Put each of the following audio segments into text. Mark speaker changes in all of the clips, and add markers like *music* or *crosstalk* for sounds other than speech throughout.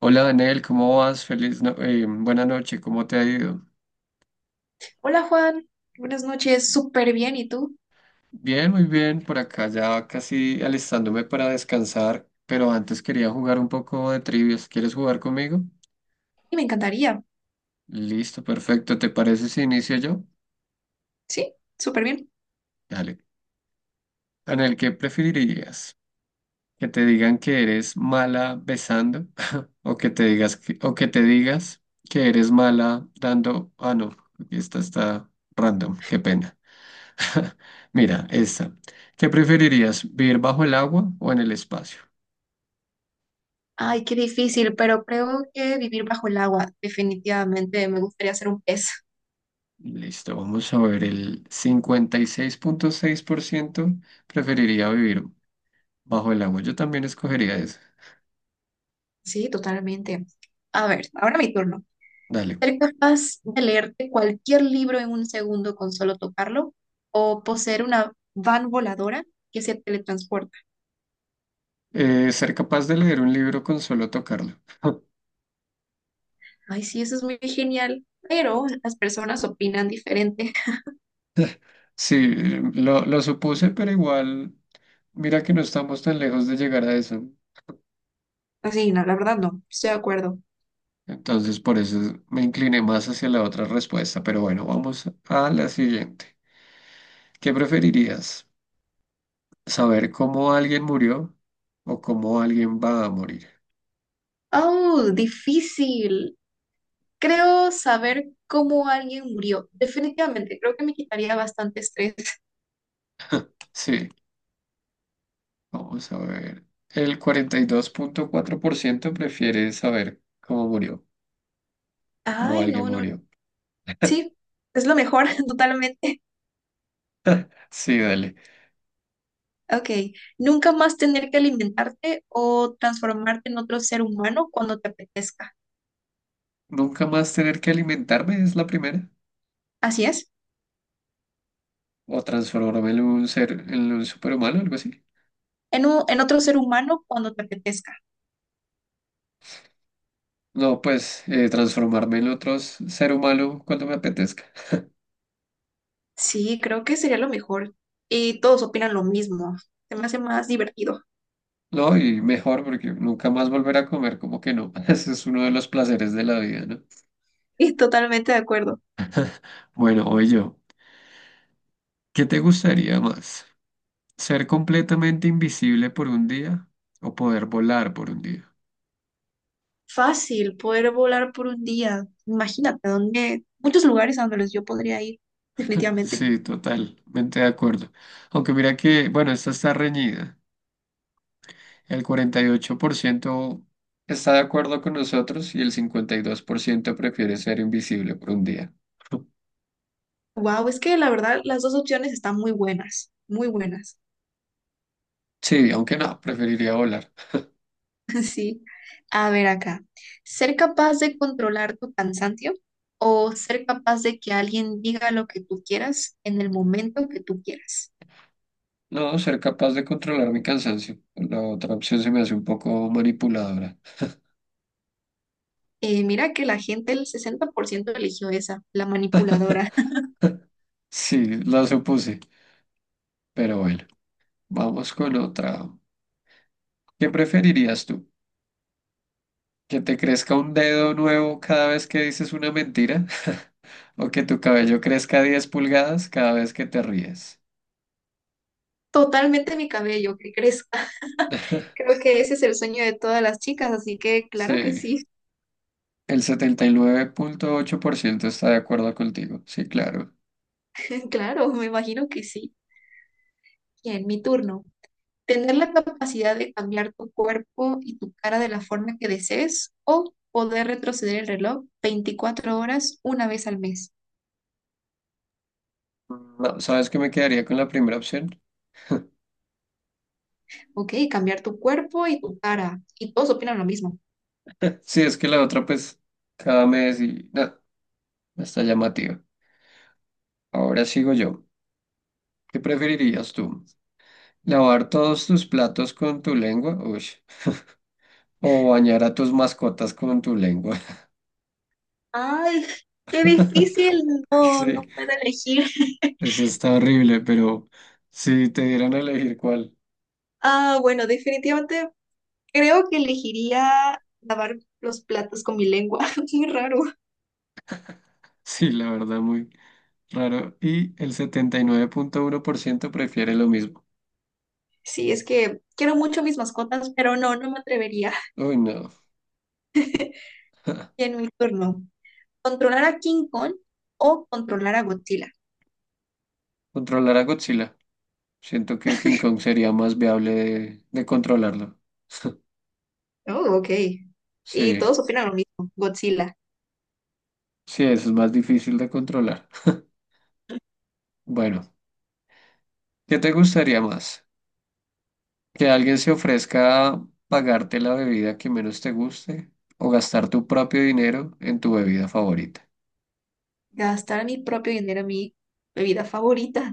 Speaker 1: Hola Daniel, ¿cómo vas? Feliz no- Buena noche, ¿cómo te ha ido?
Speaker 2: Hola Juan, buenas noches, súper bien, ¿y tú?
Speaker 1: Bien, muy bien, por acá ya casi alistándome para descansar, pero antes quería jugar un poco de trivias. ¿Quieres jugar conmigo?
Speaker 2: Y me encantaría,
Speaker 1: Listo, perfecto. ¿Te parece si inicio yo?
Speaker 2: sí, súper bien.
Speaker 1: Dale. Daniel, ¿qué preferirías? ¿Que te digan que eres mala besando? *laughs* ¿O que te digas que, o que te digas que eres mala dando... Ah, no, aquí esta está random, qué pena. *laughs* Mira, esta. ¿Qué preferirías, vivir bajo el agua o en el espacio?
Speaker 2: Ay, qué difícil, pero creo que vivir bajo el agua, definitivamente me gustaría ser un pez,
Speaker 1: Listo, vamos a ver, el cincuenta y seis punto seis por ciento preferiría vivir bajo el agua. Yo también escogería eso.
Speaker 2: sí, totalmente. A ver, ahora mi turno.
Speaker 1: Dale.
Speaker 2: ¿Ser capaz de leerte cualquier libro en un segundo con solo tocarlo? ¿O poseer una van voladora que se teletransporta?
Speaker 1: Ser capaz de leer un libro con solo tocarlo. *laughs*
Speaker 2: Ay, sí, eso es muy genial, pero las personas opinan diferente.
Speaker 1: Sí, lo supuse, pero igual, mira que no estamos tan lejos de llegar a eso.
Speaker 2: *laughs* Así, no, la verdad no, estoy de acuerdo.
Speaker 1: Entonces, por eso me incliné más hacia la otra respuesta. Pero bueno, vamos a la siguiente. ¿Qué preferirías? Saber cómo alguien murió o cómo alguien va a morir.
Speaker 2: Oh, difícil. Creo saber cómo alguien murió. Definitivamente, creo que me quitaría bastante estrés.
Speaker 1: Sí, vamos a ver. El 42,4% prefiere saber cómo murió, cómo
Speaker 2: Ay,
Speaker 1: alguien
Speaker 2: no, no.
Speaker 1: murió.
Speaker 2: Sí, es lo mejor, *laughs* totalmente.
Speaker 1: Sí, dale.
Speaker 2: Ok, nunca más tener que alimentarte o transformarte en otro ser humano cuando te apetezca.
Speaker 1: Nunca más tener que alimentarme es la primera.
Speaker 2: Así es,
Speaker 1: O transformarme en un superhumano, algo así.
Speaker 2: en, en otro ser humano cuando te apetezca.
Speaker 1: No, pues transformarme en otro ser humano cuando me apetezca.
Speaker 2: Sí, creo que sería lo mejor. Y todos opinan lo mismo. Se me hace más divertido. *laughs*
Speaker 1: No, y mejor porque nunca más volver a comer, como que no. *laughs* Ese es uno de los placeres de la vida, ¿no?
Speaker 2: Y totalmente de acuerdo.
Speaker 1: Bueno, hoy yo. ¿Qué te gustaría más? ¿Ser completamente invisible por un día o poder volar por un día?
Speaker 2: Fácil poder volar por un día. Imagínate, donde muchos lugares a donde los yo podría ir, definitivamente.
Speaker 1: Sí, totalmente de acuerdo. Aunque mira que, bueno, esta está reñida. El 48% está de acuerdo con nosotros y el 52% prefiere ser invisible por un día.
Speaker 2: Wow, es que la verdad las dos opciones están muy buenas, muy buenas.
Speaker 1: Sí, aunque no, preferiría volar.
Speaker 2: *laughs* Sí. A ver acá. ¿Ser capaz de controlar tu cansancio o ser capaz de que alguien diga lo que tú quieras en el momento que tú quieras?
Speaker 1: No, ser capaz de controlar mi cansancio. La otra opción se me hace un poco manipuladora.
Speaker 2: Mira que la gente, el 60% eligió esa, la manipuladora.
Speaker 1: *laughs* Sí, la supuse, pero bueno, vamos con otra. ¿Qué preferirías tú? ¿Que te crezca un dedo nuevo cada vez que dices una mentira? *laughs* ¿O que tu cabello crezca 10 pulgadas cada vez que te ríes?
Speaker 2: *laughs* Totalmente mi cabello, ¿qué crees? Creo que ese es el sueño de todas las chicas, así que claro que
Speaker 1: Sí,
Speaker 2: sí,
Speaker 1: el 79,8% está de acuerdo contigo. Sí, claro.
Speaker 2: *laughs* claro, me imagino que sí. Bien, mi turno. Tener la capacidad de cambiar tu cuerpo y tu cara de la forma que desees o poder retroceder el reloj 24 horas una vez al mes.
Speaker 1: No, ¿sabes que me quedaría con la primera opción?
Speaker 2: Ok, cambiar tu cuerpo y tu cara. Y todos opinan lo mismo.
Speaker 1: *laughs* Sí, es que la otra, pues, cada mes y... No, está llamativa. Ahora sigo yo. ¿Qué preferirías tú? ¿Lavar todos tus platos con tu lengua? Uy. ¿O bañar a tus mascotas con tu lengua?
Speaker 2: Ay, qué
Speaker 1: *laughs*
Speaker 2: difícil. No,
Speaker 1: Sí.
Speaker 2: no puedo elegir.
Speaker 1: Eso está horrible, pero si te dieran a elegir cuál,
Speaker 2: Ah, bueno, definitivamente creo que elegiría lavar los platos con mi lengua. *laughs* Muy raro.
Speaker 1: *laughs* sí, la verdad, muy raro. Y el 79,1% prefiere lo mismo.
Speaker 2: Sí, es que quiero mucho mis mascotas, pero no, no me atrevería. *laughs*
Speaker 1: Uy, no.
Speaker 2: Y en mi turno, controlar a King Kong o controlar a Godzilla.
Speaker 1: Controlar a Godzilla. Siento que King Kong sería más viable de controlarlo. *laughs*
Speaker 2: Oh, ok. Y
Speaker 1: Sí,
Speaker 2: todos opinan lo mismo, Godzilla.
Speaker 1: sí, eso es más difícil de controlar. *laughs* Bueno, ¿qué te gustaría más? ¿Que alguien se ofrezca a pagarte la bebida que menos te guste o gastar tu propio dinero en tu bebida favorita?
Speaker 2: Gastar mi propio dinero en mi bebida favorita, *laughs*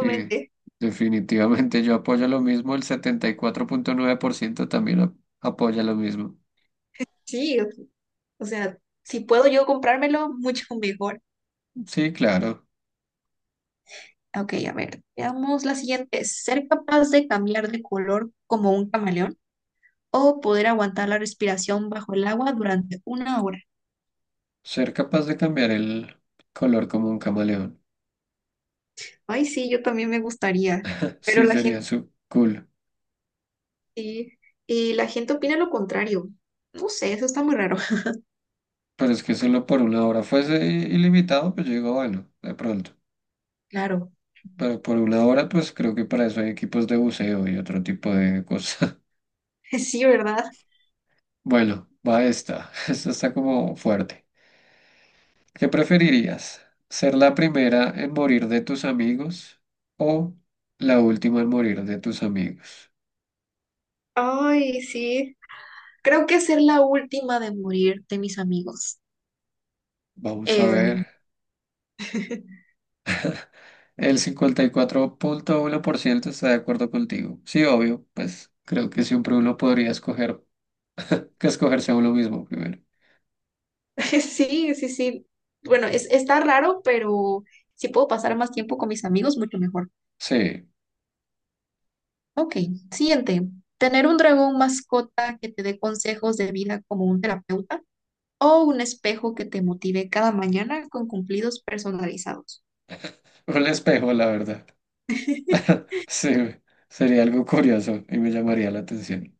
Speaker 1: Sí, definitivamente yo apoyo lo mismo, el 74,9% también apoya lo mismo.
Speaker 2: Sí, o sea, si puedo yo comprármelo, mucho mejor.
Speaker 1: Sí, claro,
Speaker 2: Ok, a ver, veamos la siguiente. ¿Ser capaz de cambiar de color como un camaleón o poder aguantar la respiración bajo el agua durante una hora?
Speaker 1: ser capaz de cambiar el color como un camaleón.
Speaker 2: Ay, sí, yo también me gustaría,
Speaker 1: *laughs*
Speaker 2: pero
Speaker 1: Sí,
Speaker 2: la gente
Speaker 1: sería su cool.
Speaker 2: sí, y la gente opina lo contrario. No sé, eso está muy raro. *laughs*
Speaker 1: Pero es que solo por una hora fuese ilimitado, pues yo digo, bueno, de pronto.
Speaker 2: Claro,
Speaker 1: Pero por una hora, pues creo que para eso hay equipos de buceo y otro tipo de cosas. *laughs*
Speaker 2: *laughs* sí, ¿verdad?
Speaker 1: Bueno, va esta. *laughs* Esta está como fuerte. ¿Qué preferirías? ¿Ser la primera en morir de tus amigos o la última en morir de tus amigos?
Speaker 2: Ay, sí. Creo que ser la última de morir de mis amigos.
Speaker 1: Vamos a ver.
Speaker 2: Em, *laughs*
Speaker 1: El 54,1% está de acuerdo contigo. Sí, obvio, pues creo que siempre uno podría escoger que escogerse a uno mismo primero.
Speaker 2: sí, sí, sí. Bueno, es, está raro, pero si puedo pasar más tiempo con mis amigos, mucho mejor.
Speaker 1: Sí,
Speaker 2: Ok, siguiente. Tener un dragón mascota que te dé consejos de vida como un terapeuta. O un espejo que te motive cada mañana con cumplidos personalizados.
Speaker 1: un espejo, la verdad. *laughs*
Speaker 2: *laughs*
Speaker 1: Sí, sería algo curioso y me llamaría la atención.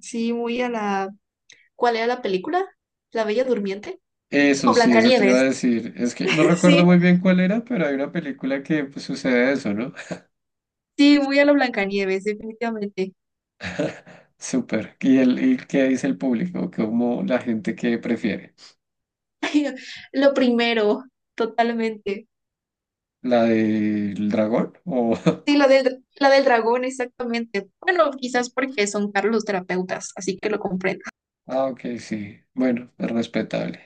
Speaker 2: Sí, muy a la... ¿Cuál era la película? ¿La Bella Durmiente?
Speaker 1: Eso
Speaker 2: No,
Speaker 1: sí, eso te iba a
Speaker 2: Blancanieves.
Speaker 1: decir. Es que no
Speaker 2: *laughs*
Speaker 1: recuerdo
Speaker 2: Sí,
Speaker 1: muy bien cuál era, pero hay una película que pues, sucede eso, ¿no?
Speaker 2: sí, muy a la Blancanieves, definitivamente.
Speaker 1: Súper. ¿Y, el, y qué dice el público? ¿Cómo la gente que prefiere?
Speaker 2: Lo primero, totalmente.
Speaker 1: ¿La del dragón? O... *laughs*
Speaker 2: Sí, la del dragón, exactamente. Bueno, quizás porque son caros los terapeutas, así que lo comprendo.
Speaker 1: Ah, ok, sí. Bueno, es respetable.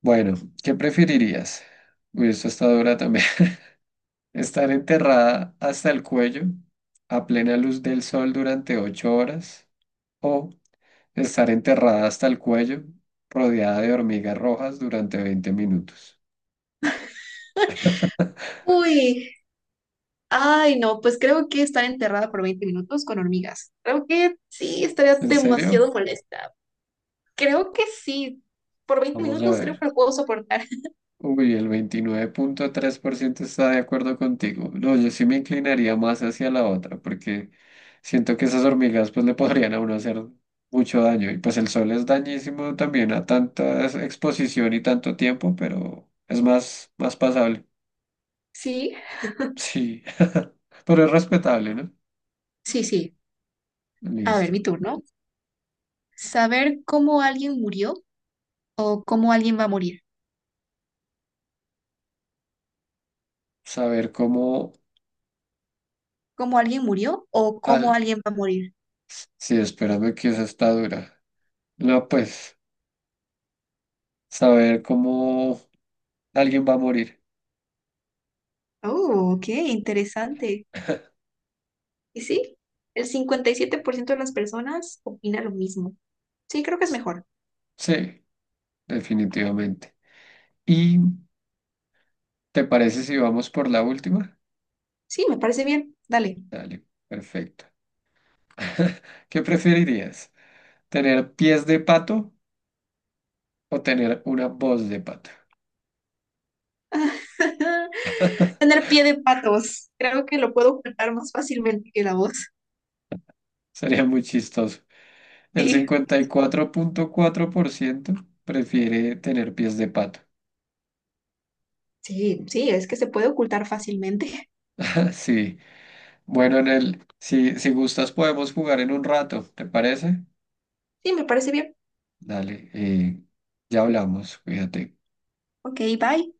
Speaker 1: Bueno, ¿qué preferirías? Uy, esto está dura también. *laughs* ¿Estar enterrada hasta el cuello a plena luz del sol durante 8 horas? ¿O estar enterrada hasta el cuello rodeada de hormigas rojas durante 20 minutos?
Speaker 2: Uy, ay, no, pues creo que estar enterrada por 20 minutos con hormigas. Creo que sí, estaría
Speaker 1: ¿En
Speaker 2: demasiado
Speaker 1: serio?
Speaker 2: molesta. Creo que sí. Por 20
Speaker 1: Vamos a
Speaker 2: minutos creo
Speaker 1: ver.
Speaker 2: que lo puedo soportar. *laughs*
Speaker 1: Uy, el 29,3% está de acuerdo contigo. No, yo sí me inclinaría más hacia la otra, porque siento que esas hormigas pues le podrían a uno hacer mucho daño. Y pues el sol es dañísimo también a tanta exposición y tanto tiempo, pero es más pasable.
Speaker 2: Sí,
Speaker 1: Sí, *laughs* pero es respetable, ¿no?
Speaker 2: sí, sí. A ver,
Speaker 1: Listo.
Speaker 2: mi turno. Saber cómo alguien murió o cómo alguien va a morir.
Speaker 1: Saber cómo...
Speaker 2: ¿Cómo alguien murió o cómo
Speaker 1: Al...
Speaker 2: alguien va a morir?
Speaker 1: Sí, espérame que esa está dura. No, pues, saber cómo alguien va a morir.
Speaker 2: Oh, qué interesante.
Speaker 1: *laughs*
Speaker 2: Y sí, el 57% de las personas opina lo mismo. Sí, creo que es mejor.
Speaker 1: Sí, definitivamente. ¿Y te parece si vamos por la última?
Speaker 2: Sí, me parece bien. Dale.
Speaker 1: Dale, perfecto. *laughs* ¿Qué preferirías? ¿Tener pies de pato o tener una voz de pato?
Speaker 2: *laughs* Tener pie de patos. Creo que lo puedo ocultar más fácilmente que la voz.
Speaker 1: Sería muy chistoso. El
Speaker 2: Sí,
Speaker 1: cincuenta y cuatro punto cuatro por ciento prefiere tener pies de pato.
Speaker 2: sí, sí, es que se puede ocultar fácilmente.
Speaker 1: *laughs* Sí, bueno, en el, si gustas podemos jugar en un rato, ¿te parece?
Speaker 2: Sí, me parece bien.
Speaker 1: Dale, ya hablamos, cuídate.
Speaker 2: Ok, bye.